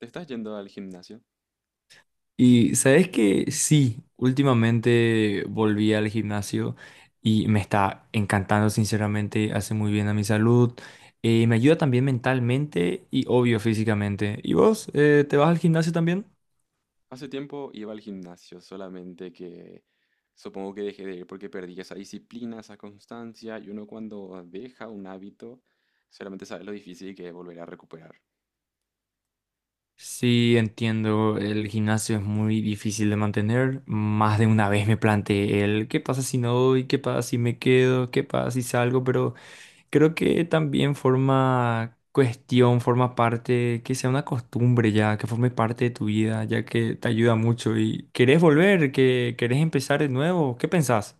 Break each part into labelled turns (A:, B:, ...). A: ¿Te estás yendo al gimnasio?
B: Y sabes que sí, últimamente volví al gimnasio y me está encantando, sinceramente, hace muy bien a mi salud, me ayuda también mentalmente y obvio físicamente. ¿Y vos, te vas al gimnasio también?
A: Hace tiempo iba al gimnasio, solamente que supongo que dejé de ir porque perdí esa disciplina, esa constancia, y uno cuando deja un hábito, solamente sabe lo difícil que es volver a recuperar.
B: Sí, entiendo, el gimnasio es muy difícil de mantener. Más de una vez me planteé el qué pasa si no voy, qué pasa si me quedo, qué pasa si salgo, pero. Creo que también forma parte, que sea una costumbre ya, que forme parte de tu vida, ya que te ayuda mucho y querés volver, que querés empezar de nuevo, ¿qué pensás?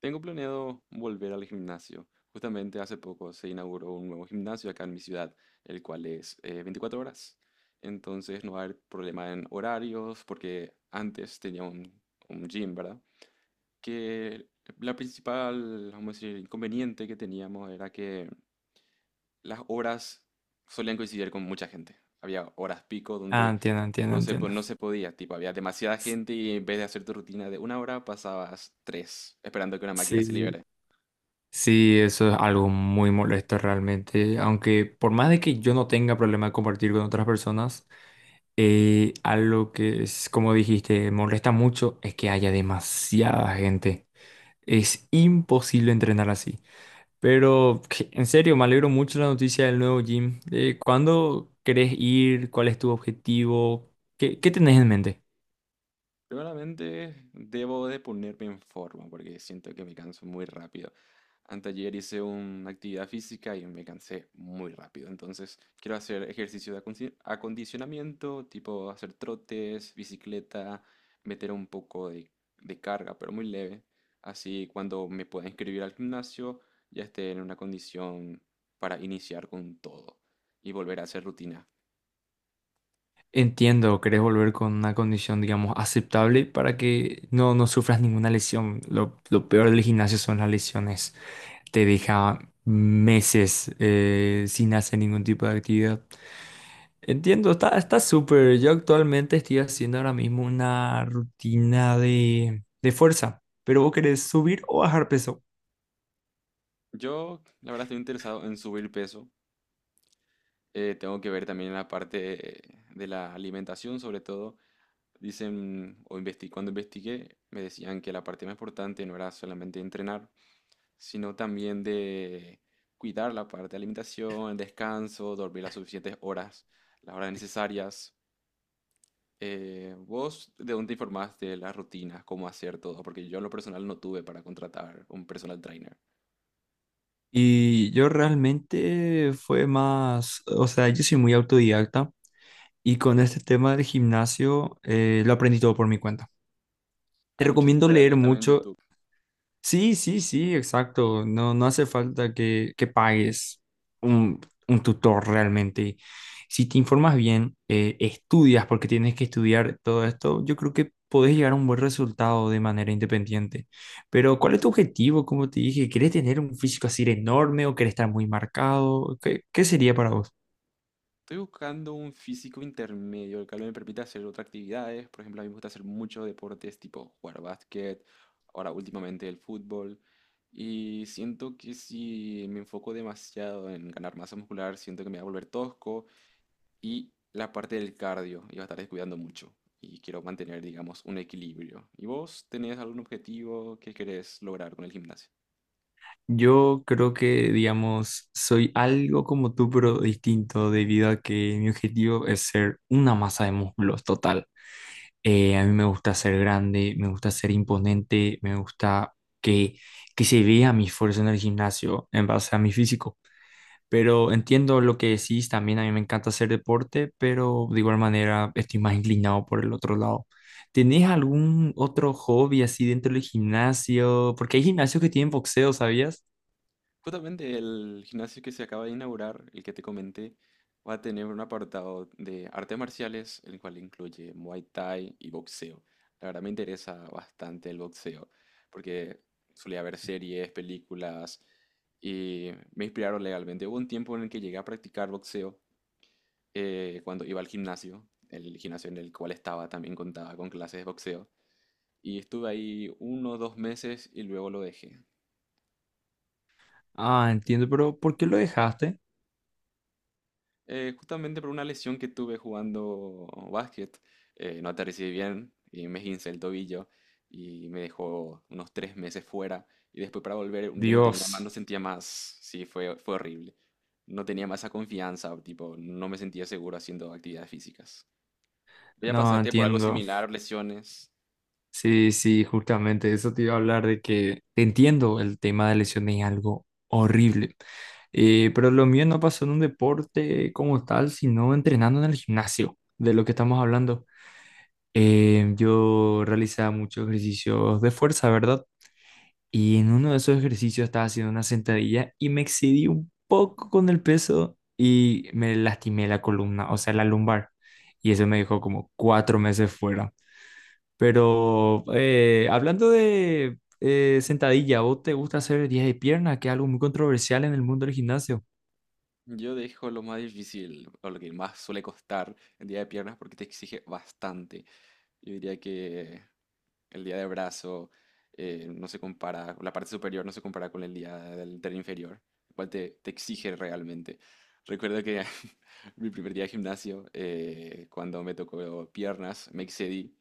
A: Tengo planeado volver al gimnasio. Justamente hace poco se inauguró un nuevo gimnasio acá en mi ciudad, el cual es 24 horas. Entonces no va a haber problema en horarios, porque antes tenía un gym, ¿verdad? Que la principal, vamos a decir, inconveniente que teníamos era que las horas solían coincidir con mucha gente. Había horas pico
B: Ah,
A: donde
B: entiendo, entiendo, entiendo.
A: no se podía, tipo, había demasiada gente y en vez de hacer tu rutina de una hora pasabas tres esperando que una máquina se
B: Sí,
A: libere.
B: sí, eso es algo muy molesto realmente, aunque por más de que yo no tenga problema de compartir con otras personas, algo que es, como dijiste, molesta mucho es que haya demasiada gente. Es imposible entrenar así. Pero en serio, me alegro mucho de la noticia del nuevo gym. ¿Cuándo querés ir? ¿Cuál es tu objetivo? ¿Qué tenés en mente?
A: Seguramente debo de ponerme en forma porque siento que me canso muy rápido. Anteayer hice una actividad física y me cansé muy rápido. Entonces quiero hacer ejercicio de acondicionamiento, tipo hacer trotes, bicicleta, meter un poco de carga, pero muy leve. Así cuando me pueda inscribir al gimnasio ya esté en una condición para iniciar con todo y volver a hacer rutina.
B: Entiendo, querés volver con una condición, digamos, aceptable para que no sufras ninguna lesión. Lo peor del gimnasio son las lesiones. Te deja meses sin hacer ningún tipo de actividad. Entiendo, está súper. Yo actualmente estoy haciendo ahora mismo una rutina de fuerza. Pero vos querés subir o bajar peso.
A: Yo, la verdad, estoy interesado en subir peso. Tengo que ver también la parte de la alimentación, sobre todo. Dicen, o cuando investigué, me decían que la parte más importante no era solamente entrenar, sino también de cuidar la parte de alimentación, el descanso, dormir las suficientes horas, las horas necesarias. ¿Vos de dónde te informás de las rutinas, cómo hacer todo? Porque yo en lo personal no tuve para contratar un personal trainer.
B: Y yo realmente fue más, o sea, yo soy muy autodidacta y con este tema del gimnasio lo aprendí todo por mi cuenta. Te
A: Hay muchos
B: recomiendo leer
A: tutoriales también en
B: mucho.
A: YouTube.
B: Sí, sí, sí, exacto. No, no hace falta que pagues un, un tutor realmente. Si te informas bien, estudias porque tienes que estudiar todo esto, yo creo que podés llegar a un buen resultado de manera independiente. Pero, ¿cuál es tu objetivo? Como te dije, ¿quieres tener un físico así de enorme o quieres estar muy marcado? ¿Qué sería para vos?
A: Estoy buscando un físico intermedio, el cual me permita hacer otras actividades. Por ejemplo, a mí me gusta hacer muchos deportes, tipo jugar básquet, ahora últimamente el fútbol. Y siento que si me enfoco demasiado en ganar masa muscular, siento que me va a volver tosco. Y la parte del cardio, iba a estar descuidando mucho. Y quiero mantener, digamos, un equilibrio. ¿Y vos tenés algún objetivo que querés lograr con el gimnasio?
B: Yo creo que, digamos, soy algo como tú, pero distinto, debido a que mi objetivo es ser una masa de músculos total. A mí me gusta ser grande, me gusta ser imponente, me gusta que, que se vea mi esfuerzo en el gimnasio en base a mi físico. Pero entiendo lo que decís, también a mí me encanta hacer deporte, pero de igual manera estoy más inclinado por el otro lado. ¿Tenés algún otro hobby así dentro del gimnasio? Porque hay gimnasios que tienen boxeo, ¿sabías?
A: Justamente el gimnasio que se acaba de inaugurar, el que te comenté, va a tener un apartado de artes marciales, el cual incluye Muay Thai y boxeo. La verdad me interesa bastante el boxeo, porque solía ver series, películas, y me inspiraron legalmente. Hubo un tiempo en el que llegué a practicar boxeo, cuando iba al gimnasio, el gimnasio en el cual estaba también contaba con clases de boxeo, y estuve ahí 1 o 2 meses y luego lo dejé.
B: Ah, entiendo, pero ¿por qué lo dejaste?
A: Justamente por una lesión que tuve jugando básquet, no aterricé bien y me esguincé el tobillo y me dejó unos 3 meses fuera y después para volver ya no tenía más,
B: Dios,
A: no sentía más, sí, fue horrible. No tenía más esa confianza, tipo, no me sentía seguro haciendo actividades físicas. ¿Ya
B: no
A: pasaste por algo
B: entiendo.
A: similar, lesiones?
B: Sí, sí, justamente eso te iba a hablar de que te entiendo, el tema de lesiones es algo horrible. Pero lo mío no pasó en un deporte como tal, sino entrenando en el gimnasio, de lo que estamos hablando. Yo realizaba muchos ejercicios de fuerza, ¿verdad? Y en uno de esos ejercicios estaba haciendo una sentadilla y me excedí un poco con el peso y me lastimé la columna, o sea, la lumbar. Y eso me dejó como 4 meses fuera. Pero hablando de sentadilla, ¿vos te gusta hacer días de pierna, que es algo muy controversial en el mundo del gimnasio?
A: Yo dejo lo más difícil o lo que más suele costar el día de piernas porque te exige bastante. Yo diría que el día de brazo no se compara, la parte superior no se compara con el día del inferior, el cual te exige realmente. Recuerdo que mi primer día de gimnasio, cuando me tocó piernas, me excedí.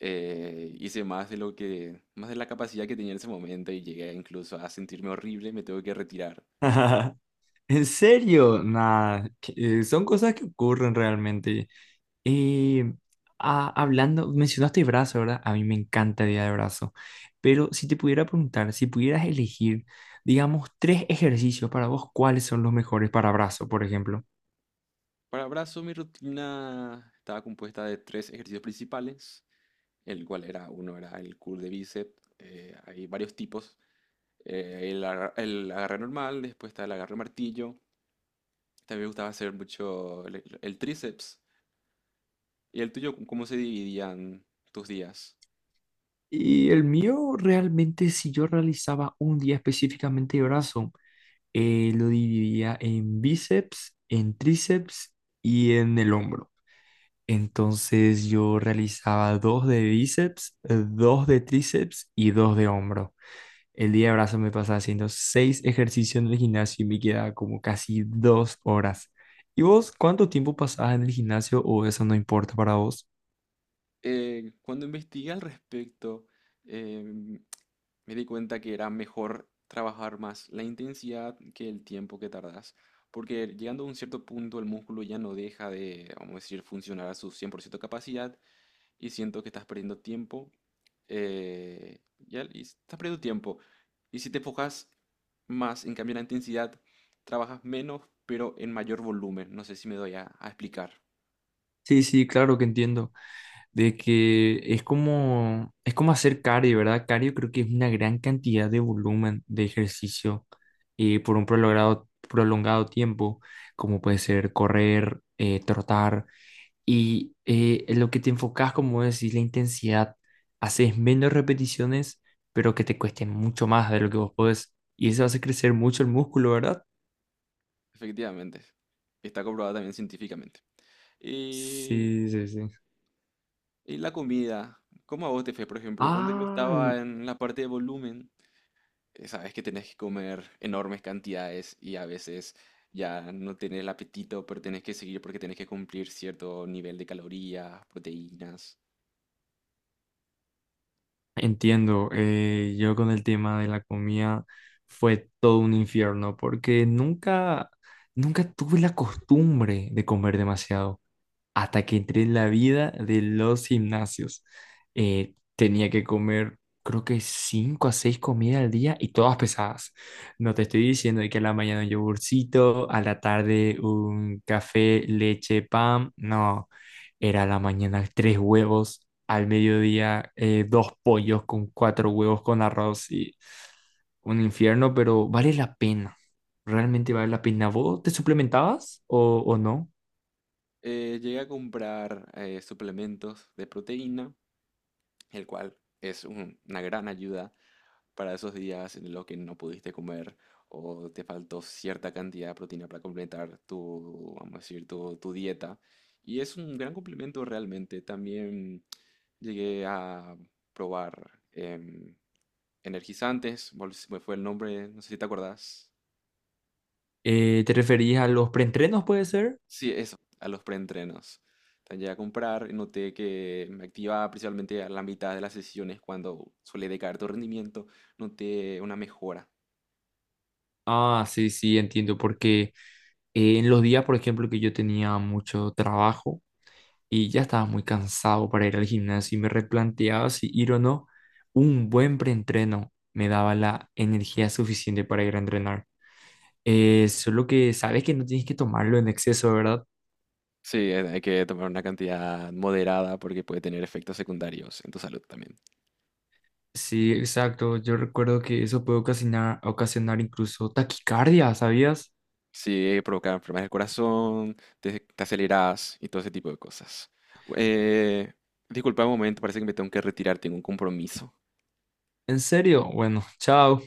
A: Hice más de lo que, más de la capacidad que tenía en ese momento y llegué incluso a sentirme horrible, me tuve que retirar.
B: ¿En serio? Nah, son cosas que ocurren realmente. Y mencionaste brazo, ¿verdad? A mí me encanta el día de brazo. Pero si te pudiera preguntar, si pudieras elegir, digamos, tres ejercicios para vos, ¿cuáles son los mejores para brazo, por ejemplo?
A: Para brazo, mi rutina estaba compuesta de tres ejercicios principales, el cual era, uno era el curl de bíceps, hay varios tipos, el agarre normal, después está el agarre martillo, también me gustaba hacer mucho el tríceps. ¿Y el tuyo, cómo se dividían tus días?
B: Y el mío realmente, si yo realizaba un día específicamente de brazo, lo dividía en bíceps, en tríceps y en el hombro. Entonces yo realizaba dos de bíceps, dos de tríceps y dos de hombro. El día de brazo me pasaba haciendo seis ejercicios en el gimnasio y me quedaba como casi 2 horas. ¿Y vos cuánto tiempo pasabas en el gimnasio o eso no importa para vos?
A: Cuando investigué al respecto, em, me di cuenta que era mejor trabajar más la intensidad que el tiempo que tardas, porque llegando a un cierto punto el músculo ya no deja de, vamos a decir, funcionar a su 100% capacidad y siento que estás perdiendo tiempo, ya, y estás perdiendo tiempo. Y si te enfocas más en cambiar la intensidad, trabajas menos, pero en mayor volumen. No sé si me doy a explicar.
B: Sí, sí, claro que entiendo. De que es como hacer cardio, ¿verdad? Cardio creo que es una gran cantidad de volumen de ejercicio por un prolongado tiempo, como puede ser correr, trotar, y en lo que te enfocas, como decís, la intensidad, haces menos repeticiones, pero que te cuesten mucho más de lo que vos podés, y eso hace crecer mucho el músculo, ¿verdad?
A: Efectivamente. Está comprobado también científicamente. Y,
B: Sí, sí, sí.
A: y la comida, ¿cómo a vos te fue, por ejemplo? Cuando yo
B: Ah,
A: estaba en la parte de volumen, sabes que tenés que comer enormes cantidades y a veces ya no tenés el apetito, pero tenés que seguir porque tenés que cumplir cierto nivel de calorías, proteínas.
B: entiendo, yo con el tema de la comida fue todo un infierno porque nunca, nunca tuve la costumbre de comer demasiado hasta que entré en la vida de los gimnasios. Tenía que comer, creo que cinco a seis comidas al día y todas pesadas. No te estoy diciendo de que a la mañana un yogurcito, a la tarde un café, leche, pan. No, era a la mañana tres huevos, al mediodía dos pollos con cuatro huevos con arroz y un infierno, pero vale la pena. Realmente vale la pena. ¿Vos te suplementabas o no?
A: Llegué a comprar suplementos de proteína el cual es una gran ayuda para esos días en los que no pudiste comer o te faltó cierta cantidad de proteína para completar tu, vamos a decir, tu dieta. Y es un gran complemento realmente. También llegué a probar energizantes, se me fue el nombre, no sé si te acordás.
B: ¿Te referías a los preentrenos, puede ser?
A: Sí, eso, a los preentrenos. Entonces llegué a comprar y noté que me activaba principalmente a la mitad de las sesiones cuando suele decaer tu rendimiento, noté una mejora.
B: Ah, sí, sí, entiendo, porque en los días, por ejemplo, que yo tenía mucho trabajo y ya estaba muy cansado para ir al gimnasio y me replanteaba si ir o no, un buen preentreno me daba la energía suficiente para ir a entrenar. Solo que sabes que no tienes que tomarlo en exceso, ¿verdad?
A: Sí, hay que tomar una cantidad moderada porque puede tener efectos secundarios en tu salud también.
B: Sí, exacto. Yo recuerdo que eso puede ocasionar incluso taquicardia, ¿sabías?
A: Sí, provoca enfermedades del corazón, te aceleras y todo ese tipo de cosas. Eh, Disculpa un momento, parece que me tengo que retirar, tengo un compromiso.
B: ¿En serio? Bueno, chao.